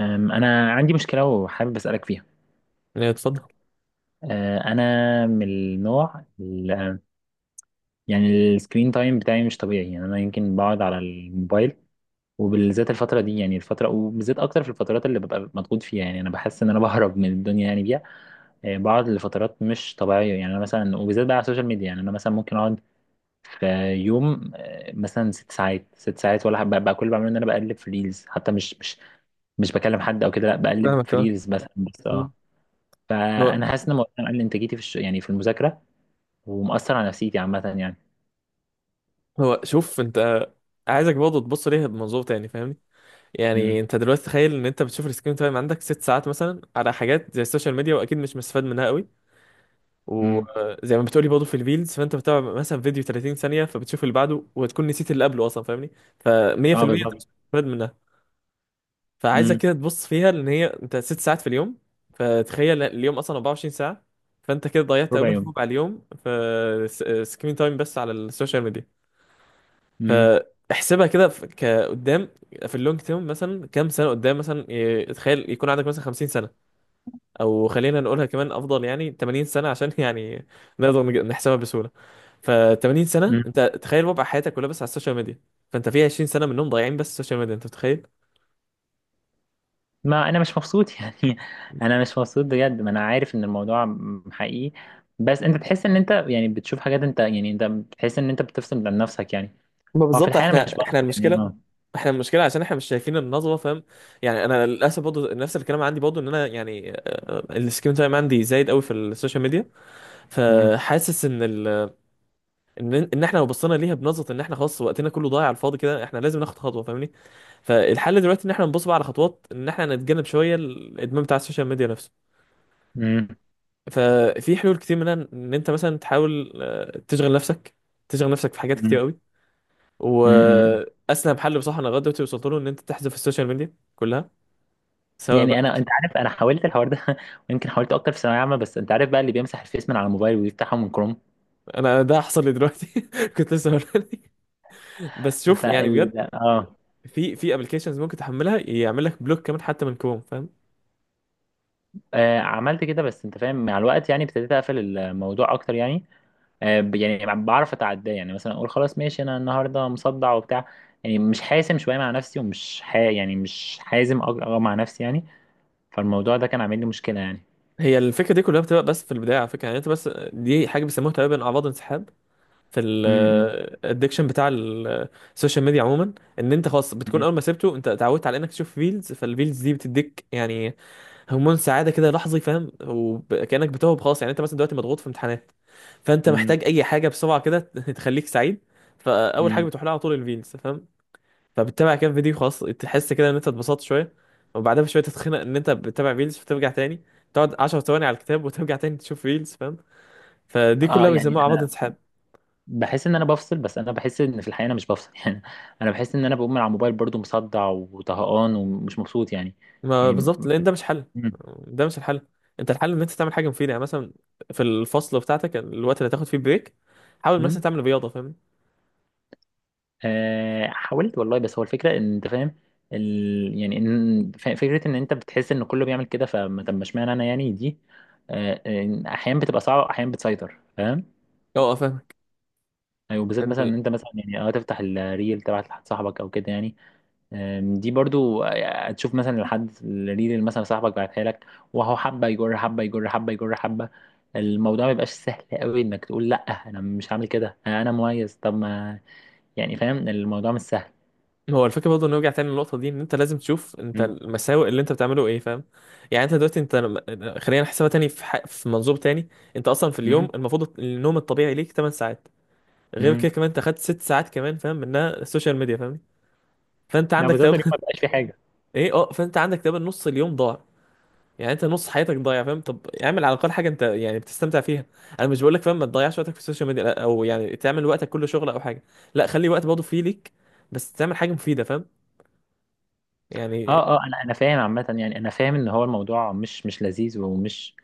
أنا عندي مشكلة وحابب أسألك فيها. يعني اتفضل. أنا من يعني السكرين تايم بتاعي مش طبيعي، يعني أنا يمكن بقعد على الموبايل وبالذات الفترة دي، يعني الفترة وبالذات أكتر في الفترات اللي ببقى مضغوط فيها. يعني أنا بحس إن أنا بهرب من الدنيا يعني بيها. بقعد لفترات مش طبيعية، يعني أنا مثلا وبالذات بقى على السوشيال ميديا. يعني أنا مثلا ممكن أقعد في يوم، مثلا ست ساعات ست ساعات، ولا بقى كل اللي بعمله إن أنا بقلب في ريلز، حتى مش بكلم حد أو كده، لا بقلب فاهمك في كمان. ريلز مثلا بس. هو فانا حاسس ان الموضوع ده مقلل انتاجيتي في يعني في المذاكره، ومأثر على نفسيتي عامه يعني. هو شوف انت، عايزك برضه تبص ليها بمنظور تاني، فاهمني؟ امم. يعني انت دلوقتي تخيل ان انت بتشوف السكرين تايم عندك ست ساعات مثلا على حاجات زي السوشيال ميديا، واكيد مش مستفاد منها قوي. امم. وزي ما بتقولي برضه في الريلز، فانت بتتابع مثلا فيديو 30 ثانيه، فبتشوف اللي بعده وتكون نسيت اللي قبله اصلا، فاهمني؟ ف اه 100% انت مش بالظبط. مستفاد منها. فعايزك امم. كده تبص فيها ان هي انت ست ساعات في اليوم. فتخيل اليوم اصلا 24 ساعه، فانت كده ضيعت ربع تقريبا يوم. ربع اليوم في سكرين تايم بس على السوشيال ميديا. امم. فاحسبها كده كقدام، في اللونج تيرم، مثلا كام سنه قدام، مثلا إيه، تخيل يكون عندك مثلا 50 سنه، او خلينا نقولها كمان افضل، يعني 80 سنه عشان يعني نحسبها بسهوله. ف 80 سنه امم. انت تخيل وضع حياتك كلها بس على السوشيال ميديا، فانت في 20 سنه منهم ضايعين بس السوشيال ميديا، انت متخيل؟ ما انا مش مبسوط يعني. انا مش مبسوط بجد، ما انا عارف ان الموضوع حقيقي. بس انت تحس ان انت يعني بتشوف حاجات، انت يعني انت بتحس ان انت بتفصل عن نفسك يعني. ما هو في بالظبط، الحقيقه انا مش احنا بفصل يعني، المشكله، اه. احنا المشكله عشان احنا مش شايفين النظره، فاهم؟ يعني انا للاسف برضه نفس الكلام عندي، برضه ان انا يعني السكرين تايم عندي زايد قوي في السوشيال ميديا. امم. فحاسس ان ان احنا لو بصينا ليها بنظره ان احنا خلاص وقتنا كله ضايع على الفاضي كده، احنا لازم ناخد خطوه، فاهمني؟ فالحل دلوقتي ان احنا نبص بقى على خطوات ان احنا نتجنب شويه الادمان بتاع السوشيال ميديا نفسه. امم. ففي حلول كتير، منها ان انت مثلا تحاول تشغل نفسك، تشغل نفسك في حاجات كتير امم. قوي. امم. واسلم حل بصراحه انا لغايه دلوقتي وصلت له، ان انت تحذف السوشيال ميديا كلها، سواء يعني بقى. انا، انت عارف انا حاولت الحوار ده ويمكن حاولت اكتر في ثانويه عامه، بس انت عارف بقى اللي بيمسح الفيس من على الموبايل ويفتحه من كروم. انا ده حصل لي دلوقتي، كنت لسه هقولها لك. بس شوف يعني بجد، فال اه. في ابلكيشنز ممكن تحملها يعمل لك بلوك كمان حتى من كروم، فاهم؟ عملت كده، بس انت فاهم مع الوقت يعني ابتديت اقفل الموضوع اكتر يعني. يعني بعرف اتعداه، يعني مثلا اقول خلاص ماشي، انا النهارده مصدع وبتاع، يعني مش حاسم شويه مع نفسي ومش يعني مش حازم أج- أه مع نفسي يعني. فالموضوع ده كان عامل لي مشكله يعني. هي الفكره دي كلها بتبقى بس في البدايه، على فكره يعني. انت بس دي حاجه بيسموها تقريبا اعراض انسحاب في امم. الادكشن بتاع السوشيال ميديا عموما، ان انت خلاص بتكون امم. اول ما سبته انت اتعودت على انك تشوف ريلز، فالريلز دي بتديك يعني هرمون سعاده كده لحظي، فاهم؟ وكانك بتهرب خلاص. يعني انت مثلا دلوقتي مضغوط في امتحانات، فانت محتاج اي حاجه بسرعه كده تخليك سعيد، فاول حاجه امم. بتروح لها على طول الريلز، فاهم؟ فبتتابع كام فيديو خلاص، تحس كده ان انت اتبسطت شويه، وبعدها بشويه تتخنق ان انت بتتابع ريلز، فترجع تاني تقعد 10 ثواني على الكتاب وترجع تاني تشوف ريلز، فاهم؟ فدي اه كلها يعني بيسموها عبط انا انسحاب. بحس ان انا بفصل، بس انا بحس ان في الحقيقه انا مش بفصل يعني. انا بحس ان انا بقوم من على الموبايل برضو مصدع وطهقان ومش مبسوط يعني. ما يعني. بالظبط، لان ده مش حل، ده مش الحل. انت الحل ان انت تعمل حاجه مفيده. يعني مثلا في الفصل بتاعتك، الوقت اللي هتاخد فيه بريك، حاول مثلا مم. تعمل رياضه، فاهم؟ حاولت والله، بس هو الفكرة ان انت فاهم يعني ان فكرة ان انت بتحس ان كله بيعمل كده، فما طب ما اشمعنى انا يعني دي. احيانا بتبقى صعبة، احيانا بتسيطر فاهم. اه فاهمك. أيوة، وبالذات مثلا ان انت مثلا يعني اه تفتح الريل تبعت لحد صاحبك او كده يعني. دي برضو تشوف مثلا لحد الريل اللي مثلا صاحبك بعتها لك، وهو حبة يجر حبة يجر حبة يجر حبة. الموضوع ما يبقاش سهل قوي انك تقول لا انا مش هعمل كده، انا مميز، طب ما يعني فاهم الموضوع مش سهل. هو الفكره برضه نرجع تاني للنقطه دي، ان انت لازم تشوف انت المساوئ اللي انت بتعمله ايه، فاهم؟ يعني انت دلوقتي انت خلينا نحسبها تاني في منظور تاني. انت اصلا في اليوم مم. المفروض النوم الطبيعي ليك 8 ساعات، غير كده مم. كمان انت خدت 6 ساعات كمان فاهم منها السوشيال ميديا، فاهم؟ فانت لو عندك بتفضل يوم تقريبا ما بيبقاش في حاجه. ايه اه، فانت عندك تقريبا نص اليوم ضاع. يعني انت نص حياتك ضايع، فاهم؟ طب اعمل على الاقل حاجه انت يعني بتستمتع فيها. انا مش بقول لك فاهم ما تضيعش وقتك في السوشيال ميديا، لا، او يعني تعمل وقتك كله شغل او حاجه، لا، خلي وقت برضه فيه ليك، بس تعمل حاجه مفيده، فاهم؟ يعني اه اه انا انا فاهم عامه، يعني انا فاهم ان هو الموضوع مش مش لذيذ ومش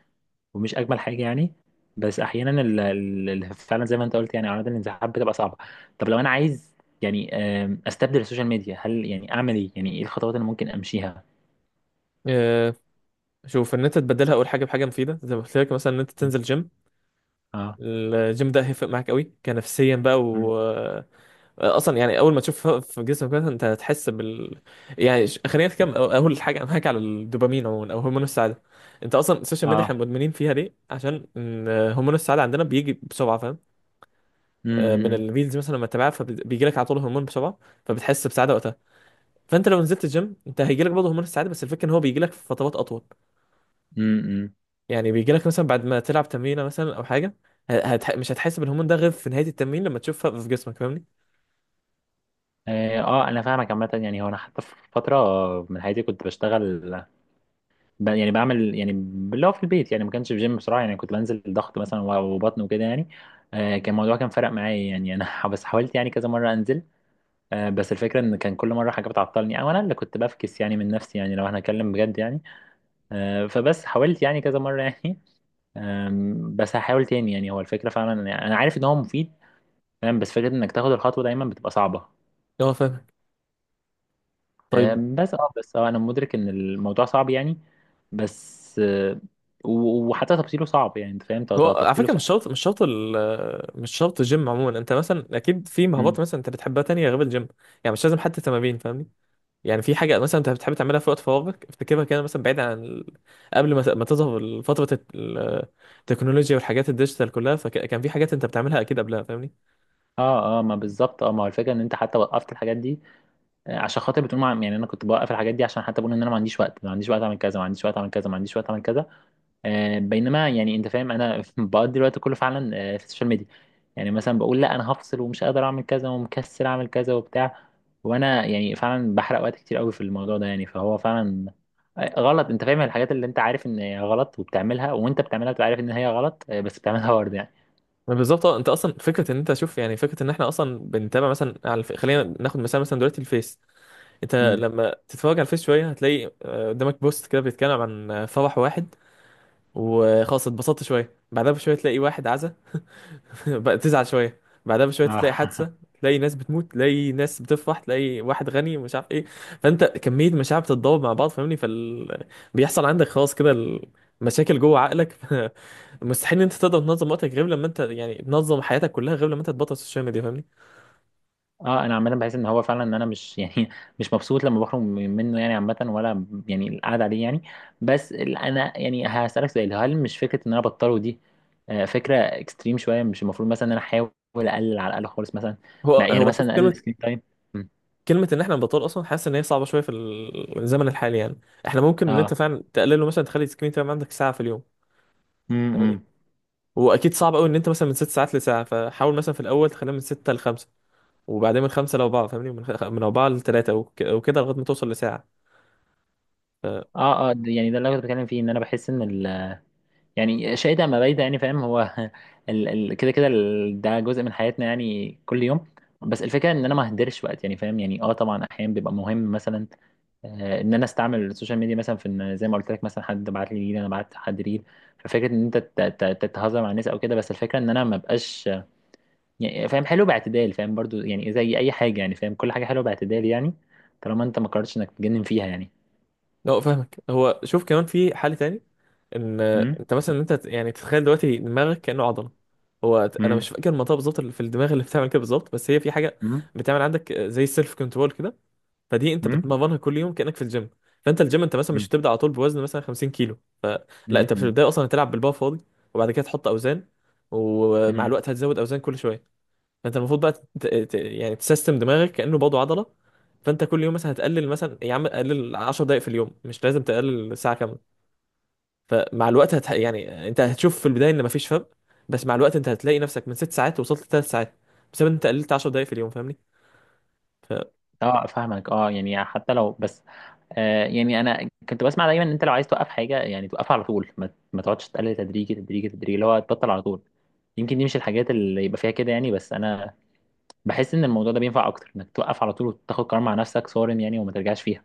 ومش اجمل حاجه يعني. بس احيانا فعلا زي ما انت قلت، يعني اعراض الانسحاب بتبقى صعبه. طب لو انا عايز يعني، استبدل السوشيال ميديا، هل يعني اعمل ايه؟ يعني ايه الخطوات اللي ممكن امشيها؟ آه، شوف ان انت تبدلها اول حاجه بحاجه مفيده، زي ما قلت لك مثلا ان انت مم. تنزل جيم. اه. الجيم ده هيفرق معاك قوي كنفسيا بقى، مم. و اصلا يعني اول ما تشوف في جسمك مثلا انت هتحس بال، يعني يعني خلينا نتكلم اول حاجه معاك على الدوبامين عموما او هرمون السعاده. انت اصلا السوشيال ميديا احنا اه. مدمنين فيها ليه؟ عشان إن هرمون السعاده عندنا بيجي بسرعه، فاهم؟ من امم. الريلز مثلا لما تتابعها، فبيجي لك على طول هرمون بسرعه، فبتحس بسعاده وقتها. فانت لو نزلت الجيم انت هيجي لك برضه هرمون السعاده، بس الفكره ان هو بيجي لك في فترات اطول. امم. يعني بيجي لك مثلا بعد ما تلعب تمرينه مثلا او حاجه، مش هتحس بالهرمون ده غير في نهايه التمرين لما تشوفها في جسمك، فاهمني؟ اه انا فاهمك عامه. يعني هو انا حتى في فتره من حياتي كنت بشتغل، يعني بعمل يعني اللي هو في البيت، يعني ما كانش في جيم بصراحه، يعني كنت بنزل ضغط مثلا وبطن وكده يعني. كان الموضوع كان فرق معايا يعني. انا بس حاولت يعني كذا مره انزل. بس الفكره ان كان كل مره حاجه بتعطلني، او انا اللي كنت بفكس يعني من نفسي، يعني لو هنتكلم بجد يعني. فبس حاولت يعني كذا مره يعني. بس هحاول تاني يعني. هو الفكره فعلا يعني انا عارف ان هو مفيد فاهم، بس فكره انك تاخد الخطوه دايما بتبقى صعبه. اه فاهمك. طيب، بس اه بس اه انا مدرك ان الموضوع صعب يعني. بس وحتى تبطيله صعب، يعني انت فاهم هو على تبطيله فكره مش صعب. شرط، مش شرط مش شرط الجيم عموما. انت مثلا اكيد في مهارات مم. مثلا انت بتحبها تانية غير الجيم، يعني مش لازم حتى تمارين، فاهمني؟ يعني في حاجه مثلا انت بتحب تعملها في وقت فراغك، افتكرها كده مثلا بعيد عن قبل ما ما تظهر فتره التكنولوجيا والحاجات الديجيتال كلها، فكان في حاجات انت بتعملها اكيد قبلها، فاهمني؟ اه اه ما بالظبط اه. ما هو الفكره ان انت حتى وقفت الحاجات دي عشان خاطر بتقول يعني انا كنت بوقف الحاجات دي عشان حتى بقول ان انا ما عنديش وقت، ما عنديش وقت اعمل كذا، ما عنديش وقت اعمل كذا، ما عنديش وقت اعمل كذا. بينما يعني انت فاهم انا بقضي الوقت كله فعلا في السوشيال ميديا. يعني مثلا بقول لا، انا هفصل ومش قادر اعمل كذا ومكسل اعمل كذا وبتاع، وانا يعني فعلا بحرق وقت كتير قوي في الموضوع ده يعني. فهو فعلا غلط، انت فاهم الحاجات اللي انت عارف ان هي غلط وبتعملها، وانت بتعملها بتبقى عارف ان هي غلط، بس بتعملها برضه يعني. ما بالظبط اه. انت اصلا فكره ان انت شوف، يعني فكره ان احنا اصلا بنتابع مثلا على خلينا ناخد مثال مثلا دلوقتي الفيس. انت مم. لما تتفرج على الفيس شويه، هتلاقي قدامك بوست كده بيتكلم عن فرح واحد، وخلاص اتبسطت شويه، بعدها بشويه تلاقي واحد عزا، بقى تزعل شويه، بعدها بشويه تلاقي اه حادثه، تلاقي ناس بتموت، تلاقي ناس بتفرح، تلاقي واحد غني مش عارف ايه. فانت كميه مشاعر بتتضارب مع بعض، فاهمني؟ بيحصل عندك خلاص كده المشاكل جوه عقلك. مستحيل ان انت تقدر تنظم وقتك غير لما انت يعني تنظم حياتك كلها، غير لما انت تبطل السوشيال ميديا، فاهمني؟ اه انا عامه بحس ان هو فعلا ان انا مش يعني مش مبسوط لما بخرج منه يعني عامه، ولا يعني القعده عليه يعني. بس انا يعني هسالك سؤال، هل مش فكره ان انا بطله دي فكره اكستريم شويه؟ مش المفروض مثلا ان انا احاول اقلل على الاقل خالص مثلا هو يعني هو شوف، مثلا اقلل كلمه، سكرين تايم؟ كلمه ان احنا نبطل اصلا حاسس ان هي صعبه شويه في الزمن الحالي يعني. احنا ممكن ان انت اه. فعلا تقلله، مثلا تخلي السكرين تايم عندك ساعه في اليوم، فاهمني؟ امم. واكيد صعب قوي ان انت مثلا من ست ساعات لساعه، فحاول مثلا في الاول تخليها من سته لخمسه، وبعدين من خمسة لأربعة، فاهمني؟ من, من أربعة لتلاتة، وكده لغاية ما توصل لساعة. ف... اه اه يعني ده اللي انا كنت بتكلم فيه، ان انا بحس ان ال، يعني شئت ام ابيت يعني فاهم هو ال كده كده ده جزء من حياتنا يعني كل يوم. بس الفكره ان انا ما اهدرش وقت يعني فاهم. يعني اه طبعا احيانا بيبقى مهم مثلا ان انا استعمل السوشيال ميديا مثلا في ان، زي ما قلت لك مثلا حد بعت لي ريل، انا بعت حد ريل. ففكره ان انت تتهزر مع الناس او كده، بس الفكره ان انا ما بقاش يعني فاهم، حلو باعتدال فاهم برضو، يعني زي اي حاجه يعني فاهم، كل حاجه حلوه باعتدال يعني، طالما انت ما قررتش انك تجنن فيها يعني. لا فاهمك. هو شوف، كمان في حل تاني، إن امم. أنت مثلا أنت يعني تتخيل دلوقتي دماغك كأنه عضلة. هو أنا مش امم. فاكر المنطقة بالظبط اللي في الدماغ اللي بتعمل كده بالظبط، بس هي في حاجة بتعمل عندك زي السيلف كنترول كده، فدي أنت امم. بتمرنها كل يوم كأنك في الجيم. فأنت الجيم أنت مثلا مش هتبدأ على طول بوزن مثلا 50 كيلو، لا أنت في البداية أصلا هتلعب بالبار فاضي، وبعد كده تحط أوزان، ومع امم. الوقت هتزود أوزان كل شوية. فانت المفروض بقى يعني تسيستم دماغك كانه برضه عضله. فانت كل يوم مثلا هتقلل، مثلا يا عم قلل 10 دقائق في اليوم، مش لازم تقلل ساعه كامله. فمع الوقت يعني انت هتشوف في البدايه ان مفيش فرق، بس مع الوقت انت هتلاقي نفسك من ست ساعات وصلت لثلاث ساعات، بسبب ان انت قللت 10 دقائق في اليوم، فاهمني؟ اه فاهمك. اه يعني حتى لو بس، آه يعني انا كنت بسمع دايما ان انت لو عايز توقف حاجه، يعني توقفها على طول، ما تقعدش تقلل تدريجي تدريجي تدريجي، اللي هو تبطل على طول. يمكن دي مش الحاجات اللي يبقى فيها كده يعني، بس انا بحس ان الموضوع ده بينفع اكتر انك توقف على طول وتاخد قرار مع نفسك صارم يعني وما ترجعش فيها.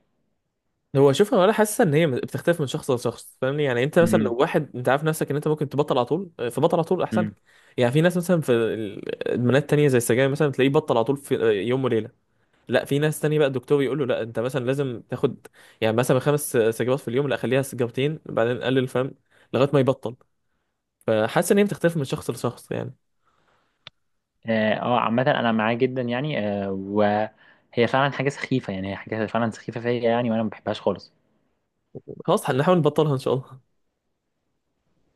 هو شوف، هو انا حاسس ان هي بتختلف من شخص لشخص، فاهمني؟ يعني انت مثلا لو امم. واحد انت عارف نفسك ان انت ممكن تبطل على طول، فبطل على طول احسن. امم. يعني في ناس مثلا في ادمانات تانية زي السجاير مثلا، تلاقيه بطل على طول في يوم وليله. لا في ناس تانية بقى الدكتور يقول له لا انت مثلا لازم تاخد يعني مثلا خمس سجوات في اليوم، لا خليها سجارتين بعدين قلل، فاهم؟ لغايه ما يبطل. فحاسس ان هي بتختلف من شخص لشخص يعني. اه عامة أنا معاه جدا يعني. آه وهي فعلا حاجة سخيفة، يعني هي حاجة فعلا سخيفة فيا يعني، وأنا ما بحبهاش خالص. خلاص هنحاول نبطلها ان شاء الله.